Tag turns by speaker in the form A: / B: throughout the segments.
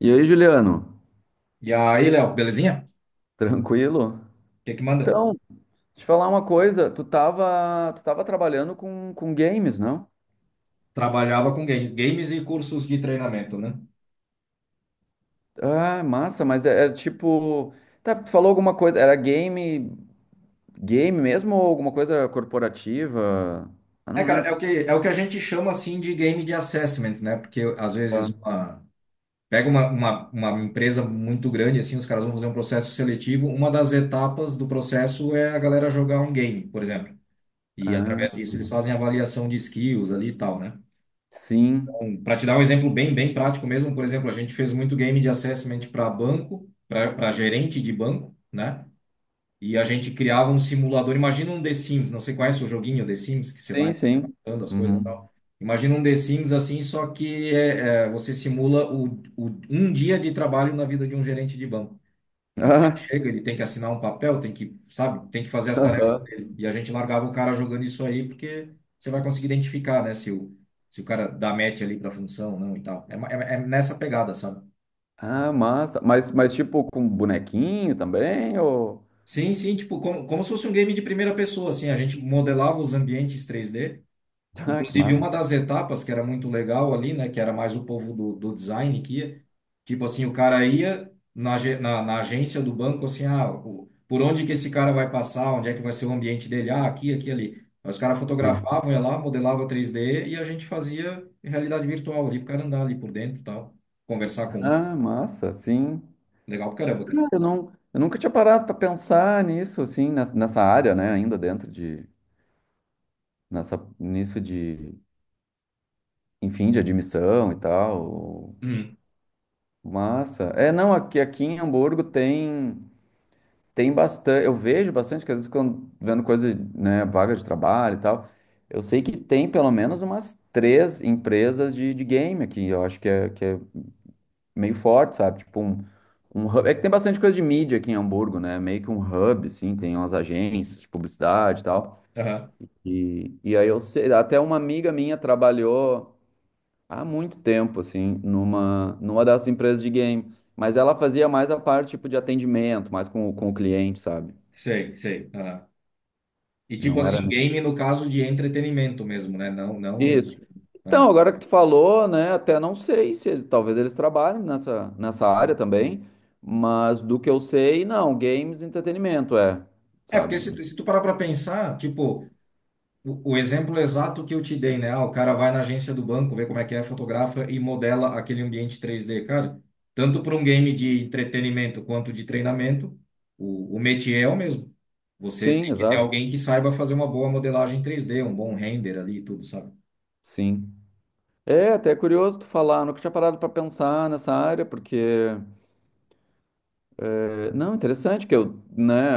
A: E aí, Juliano?
B: E aí, Léo, belezinha?
A: Tranquilo?
B: O que é que manda?
A: Então, te falar uma coisa, tu tava trabalhando com games, não?
B: Trabalhava com games, games e cursos de treinamento, né?
A: Ah, massa, mas é tipo, tá, tu falou alguma coisa, era game, game mesmo ou alguma coisa corporativa? Ah,
B: É,
A: não
B: cara, é o
A: lembro.
B: que, é o que a gente chama assim de game de assessment, né? Porque às
A: Ah,
B: vezes uma, pega uma empresa muito grande, assim, os caras vão fazer um processo seletivo. Uma das etapas do processo é a galera jogar um game, por exemplo. E através
A: ah,
B: disso eles fazem avaliação de skills ali e tal, né?
A: sim.
B: Para te dar um exemplo bem, bem prático mesmo, por exemplo, a gente fez muito game de assessment para banco, para gerente de banco, né? E a gente criava um simulador. Imagina um The Sims, não sei qual é o joguinho The Sims, que você
A: Sim,
B: vai
A: sim.
B: mudando as coisas e
A: Uhum.
B: tal. Imagina um The Sims assim, só que você simula um dia de trabalho na vida de um gerente de banco. Então, ele chega, ele tem que assinar um papel, tem que, sabe, tem que fazer as
A: Ah,
B: tarefas
A: aham.
B: dele. E a gente largava o cara jogando isso aí, porque você vai conseguir identificar, né, se o cara dá match ali pra função ou não e tal. É, é, é nessa pegada, sabe?
A: Ah, massa. Mas tipo com bonequinho também ou
B: Sim, sim, tipo, como se fosse um game de primeira pessoa, assim. A gente modelava os ambientes 3D.
A: ah, que
B: Inclusive, uma
A: massa.
B: das etapas que era muito legal ali, né, que era mais o povo do design que ia, tipo assim, o cara ia na na agência do banco, assim, ah, por onde que esse cara vai passar, onde é que vai ser o ambiente dele, ah, aqui, ali. Aí os caras fotografavam, ia lá, modelava 3D e a gente fazia realidade virtual ali, pro cara andar ali por dentro e tal, conversar com um.
A: Ah, massa, sim.
B: Legal pra caramba, cara.
A: Eu nunca tinha parado para pensar nisso, assim, nessa área, né, ainda dentro de, nessa, nisso de, enfim, de admissão e tal.
B: Uhum.
A: Massa. É, não, aqui em Hamburgo tem bastante, eu vejo bastante, que às vezes quando vendo coisa, né, vaga de trabalho e tal, eu sei que tem pelo menos umas três empresas de game aqui, eu acho que é meio forte, sabe? Tipo um, um hub. É que tem bastante coisa de mídia aqui em Hamburgo, né? Meio que um hub, assim, tem umas agências de publicidade e tal.
B: Aham.
A: E aí eu sei, até uma amiga minha trabalhou há muito tempo, assim, numa dessas empresas de game. Mas ela fazia mais a parte, tipo, de atendimento, mais com, com o cliente, sabe?
B: Sei, sei. Aham. E tipo
A: Não
B: assim,
A: era.
B: game no caso de entretenimento mesmo, né? Não, não esse
A: Isso.
B: tipo.
A: Então, agora que tu falou, né, até não sei se talvez eles trabalhem nessa, nessa área também, mas do que eu sei, não, games, entretenimento, é,
B: É, porque
A: sabe?
B: se tu parar para pensar, tipo, o exemplo exato que eu te dei, né? Ah, o cara vai na agência do banco, vê como é que é, fotografa e modela aquele ambiente 3D, cara. Tanto para um game de entretenimento quanto de treinamento, o métier é o mesmo. Você
A: Sim,
B: tem que ter
A: exato.
B: alguém que saiba fazer uma boa modelagem 3D, um bom render ali e tudo, sabe?
A: Sim. É até curioso tu falar, nunca tinha parado pra pensar nessa área, porque não, interessante que eu, né,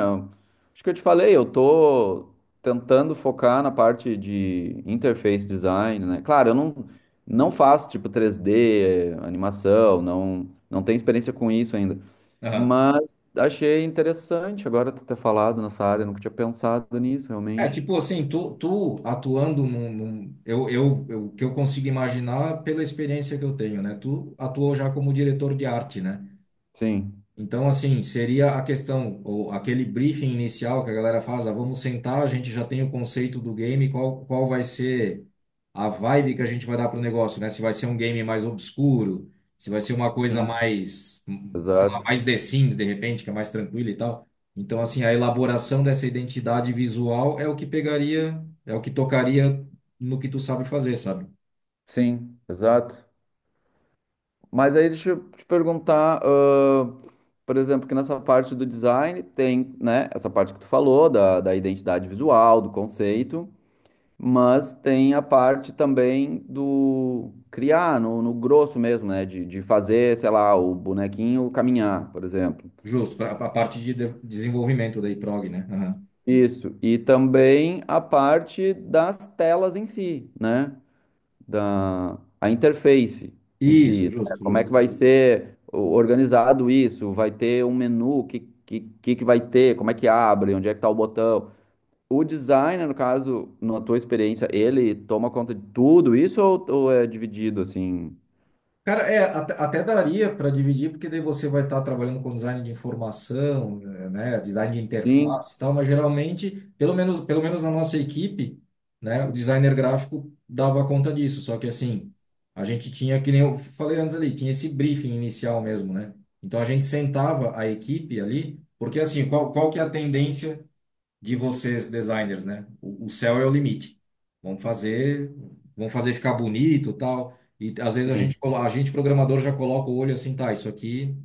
A: acho que eu te falei, eu tô tentando focar na parte de interface design, né? Claro, eu não não faço tipo 3D, animação, não não tenho experiência com isso ainda.
B: Aham.
A: Mas achei interessante agora tu ter falado nessa área, eu nunca tinha pensado nisso
B: É,
A: realmente.
B: tipo assim, tu atuando eu, o que eu consigo imaginar pela experiência que eu tenho, né? Tu atuou já como diretor de arte, né?
A: Sim,
B: Então, assim, seria a questão, ou aquele briefing inicial que a galera faz, ah, vamos sentar, a gente já tem o conceito do game, qual vai ser a vibe que a gente vai dar pro negócio, né? Se vai ser um game mais obscuro, se vai ser uma coisa
A: sim,
B: mais, sei lá,
A: exato.
B: mais The Sims, de repente, que é mais tranquila e tal. Então, assim, a elaboração dessa identidade visual é o que pegaria, é o que tocaria no que tu sabe fazer, sabe?
A: Sim, exato. Mas aí deixa eu te perguntar, por exemplo, que nessa parte do design tem, né, essa parte que tu falou, da identidade visual, do conceito, mas tem a parte também do criar, no grosso mesmo, né, de fazer, sei lá, o bonequinho caminhar, por exemplo.
B: Justo, para a parte de desenvolvimento daí, prog, né? Aham.
A: Isso. E também a parte das telas em si, né? da a interface em si,
B: Isso,
A: né?
B: justo,
A: Como é que
B: justo.
A: vai ser organizado isso? Vai ter um menu? Que vai ter? Como é que abre? Onde é que está o botão? O designer, no caso, na tua experiência, ele toma conta de tudo isso ou é dividido assim?
B: Cara, é, até daria para dividir, porque daí você vai estar trabalhando com design de informação, né, design de
A: Sim,
B: interface e tal, mas geralmente, pelo menos na nossa equipe, né, o designer gráfico dava conta disso, só que assim, a gente tinha, que nem eu falei antes ali, tinha esse briefing inicial mesmo, né? Então a gente sentava a equipe ali, porque assim, qual que é a tendência de vocês designers, né? O céu é o limite. Vamos fazer, vamos fazer ficar bonito, tal. E às vezes a
A: sim,
B: gente, a gente programador já coloca o olho assim, tá, isso aqui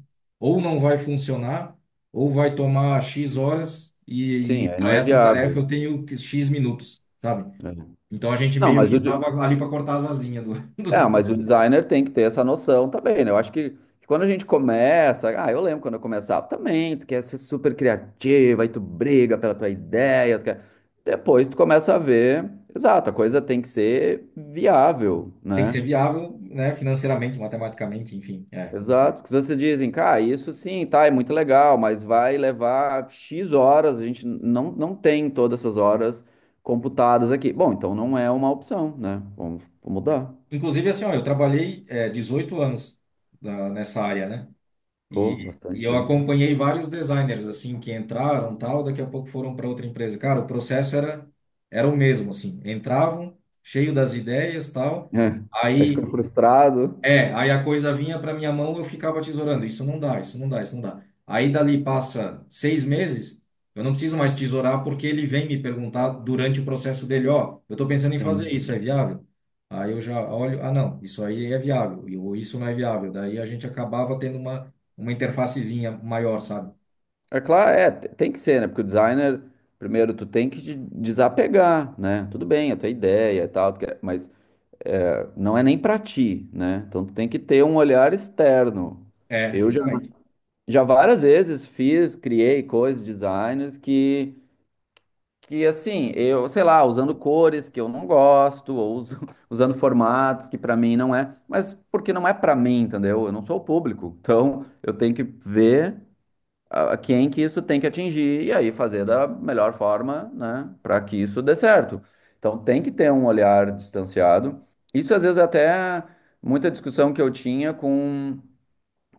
B: ou não vai funcionar, ou vai tomar X horas e
A: sim, aí
B: para
A: não é
B: essa tarefa eu
A: viável.
B: X minutos, sabe?
A: É.
B: Então a gente
A: Não,
B: meio
A: mas o,
B: que
A: de-
B: tava ali para cortar as asinhas do,
A: É, mas
B: do-
A: o designer tem que ter essa noção também, né? Eu acho que quando a gente começa, ah, eu lembro quando eu começava também, tu quer ser super criativa, aí tu briga pela tua ideia, depois tu começa a ver, exato, a coisa tem que ser viável,
B: tem que ser
A: né?
B: viável, né, financeiramente, matematicamente, enfim, é.
A: Exato, porque vocês dizem, cara, isso sim, tá, é muito legal, mas vai levar X horas, a gente não, não tem todas essas horas computadas aqui. Bom, então não é uma opção, né? Vamos, vamos mudar.
B: Inclusive assim, ó, eu trabalhei 18 anos nessa área, né?
A: Pô,
B: E, e
A: bastante
B: eu
A: tempo.
B: acompanhei vários designers assim que entraram, tal, daqui a pouco foram para outra empresa. Cara, o processo era era o mesmo assim. Entravam cheio das ideias, tal.
A: É, aí fica
B: Aí
A: frustrado.
B: aí a coisa vinha para minha mão, eu ficava tesourando. Isso não dá, isso não dá, isso não dá. Aí dali passa seis meses, eu não preciso mais tesourar porque ele vem me perguntar durante o processo dele, ó, eu estou pensando em fazer
A: Sim.
B: isso, é viável? Aí eu já olho, ah não, isso aí é viável, ou isso não é viável. Daí a gente acabava tendo uma interfacezinha maior, sabe?
A: É claro, é, tem que ser, né? Porque o designer, primeiro, tu tem que te desapegar, né? Tudo bem, a tua ideia e tal, mas é, não é nem pra ti, né? Então tu tem que ter um olhar externo.
B: É,
A: Eu já,
B: justamente.
A: já várias vezes fiz, criei coisas, designers que assim, eu, sei lá, usando cores que eu não gosto, usando formatos que pra mim não é, mas porque não é pra mim, entendeu? Eu não sou o público. Então eu tenho que ver a quem que isso tem que atingir e aí fazer da melhor forma, né, para que isso dê certo. Então tem que ter um olhar distanciado. Isso às vezes é até muita discussão que eu tinha com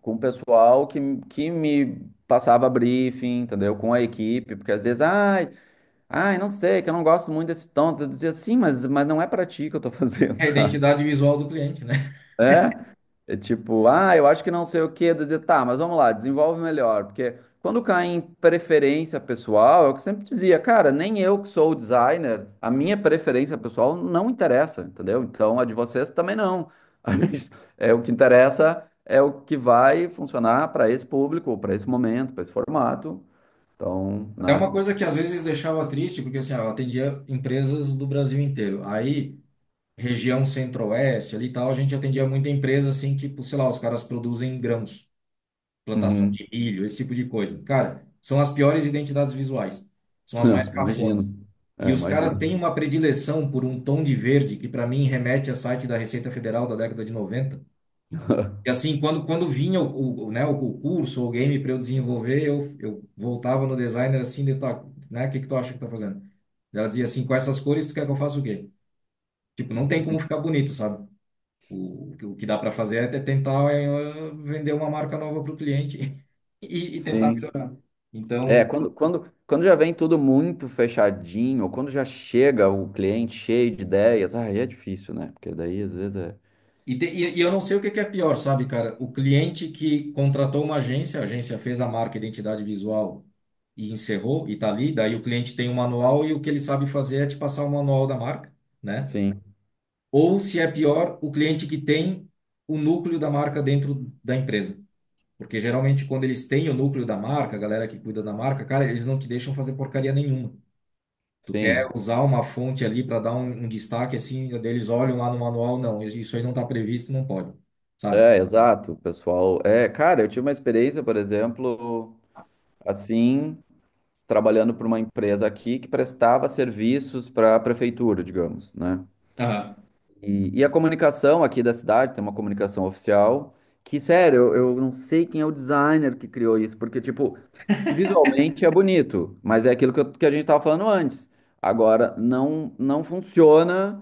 A: o pessoal que me passava briefing, entendeu? Com a equipe, porque às vezes, ai, ai, não sei, que eu não gosto muito desse tom. Eu dizia, sim, mas não é para ti que eu tô fazendo,
B: É a
A: sabe?
B: identidade visual do cliente, né?
A: É, é tipo, ah, eu acho que não sei o quê, dizer, tá, mas vamos lá, desenvolve melhor, porque quando cai em preferência pessoal, é o que eu sempre dizia, cara, nem eu que sou o designer, a minha preferência pessoal não interessa, entendeu? Então a de vocês também não. A gente- É o que interessa, é o que vai funcionar para esse público, para esse momento, para esse formato. Então,
B: Até
A: né?
B: uma coisa que às vezes deixava triste, porque assim, ó, eu atendia empresas do Brasil inteiro. Aí região centro-oeste ali e tal, a gente atendia muita empresa assim que, sei lá, os caras produzem grãos, plantação
A: Uhum.
B: de milho, esse tipo de coisa. Cara, são as piores identidades visuais, são as mais
A: Imagino.
B: cafonas.
A: É,
B: E os caras têm
A: imagino.
B: uma predileção por um tom de verde que para mim remete a site da Receita Federal da década de noventa. E assim, quando vinha né, o curso ou o game para eu desenvolver, eu voltava no designer assim, de, tá, né, o que que tu acha que tá fazendo? Ela dizia assim, com essas cores tu quer que eu faça o quê? Tipo, não tem como
A: Sim,
B: ficar bonito, sabe? O que dá para fazer é tentar vender uma marca nova para o cliente e tentar
A: sim.
B: melhorar. Então,
A: É, quando já vem tudo muito fechadinho, quando já chega o cliente cheio de ideias, ah, aí é difícil, né? Porque daí às vezes é.
B: e eu não sei o que que é pior, sabe, cara? O cliente que contratou uma agência, a agência fez a marca identidade visual e encerrou e tá ali, daí o cliente tem um manual e o que ele sabe fazer é te passar o manual da marca, né?
A: Sim,
B: Ou se é pior, o cliente que tem o núcleo da marca dentro da empresa. Porque geralmente quando eles têm o núcleo da marca, a galera que cuida da marca, cara, eles não te deixam fazer porcaria nenhuma. Tu quer
A: sim.
B: usar uma fonte ali para dar um, um destaque assim, eles olham lá no manual, não, isso aí não está previsto, não pode, sabe?
A: É, exato, pessoal. É, cara, eu tive uma experiência, por exemplo, assim, trabalhando para uma empresa aqui que prestava serviços para a prefeitura, digamos, né?
B: Aham.
A: E a comunicação aqui da cidade tem uma comunicação oficial que, sério, eu não sei quem é o designer que criou isso, porque, tipo, visualmente é bonito, mas é aquilo que a gente estava falando antes. Agora, não, não funciona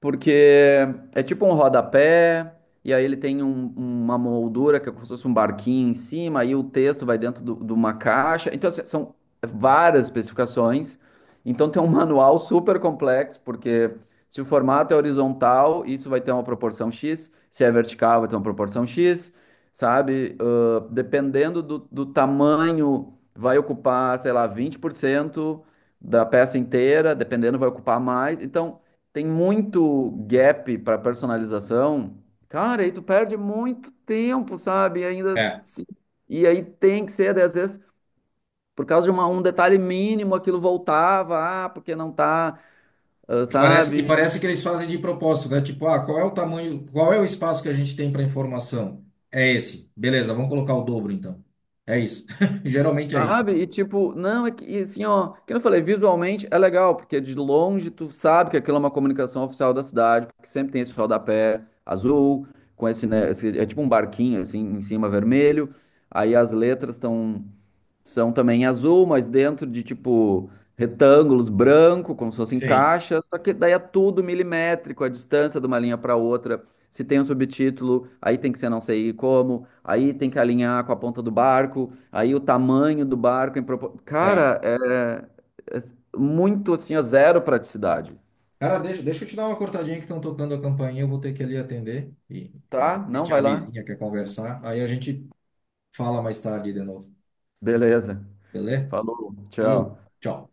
A: porque é tipo um rodapé, e aí ele tem uma moldura que é como se fosse um barquinho em cima, aí o texto vai dentro de uma caixa. Então, assim, são várias especificações. Então, tem um manual super complexo, porque se o formato é horizontal, isso vai ter uma proporção X. Se é vertical, vai ter uma proporção X, sabe? Ah, dependendo do tamanho, vai ocupar, sei lá, 20% da peça inteira, dependendo, vai ocupar mais. Então, tem muito gap para personalização. Cara, aí tu perde muito tempo, sabe? E ainda.
B: É,
A: Se- E aí tem que ser, às vezes, por causa de um detalhe mínimo, aquilo voltava, ah, porque não tá, ah,
B: e
A: sabe?
B: parece que eles fazem de propósito, né? Tipo, ah, qual é o tamanho, qual é o espaço que a gente tem para informação? É esse. Beleza, vamos colocar o dobro então. É isso. Geralmente é isso.
A: Sabe? E tipo, não, é que e assim, ó, que eu falei, visualmente é legal, porque de longe tu sabe que aquilo é uma comunicação oficial da cidade, porque sempre tem esse rodapé azul, com esse, né, é tipo um barquinho assim, em cima vermelho, aí as letras estão são também em azul, mas dentro de tipo retângulos branco, como se fossem
B: Sim.
A: caixas, só que daí é tudo milimétrico, a distância de uma linha para outra. Se tem um subtítulo, aí tem que ser não sei como, aí tem que alinhar com a ponta do barco, aí o tamanho do barco em propor...
B: É.
A: Cara, é, é muito assim, a zero praticidade.
B: Cara, deixa eu te dar uma cortadinha que estão tocando a campainha, eu vou ter que ali atender. E
A: Tá? Não
B: geralmente é a
A: vai lá.
B: vizinha quer conversar, aí a gente fala mais tarde de novo,
A: Beleza.
B: beleza?
A: Falou. Tchau.
B: Falou, tchau.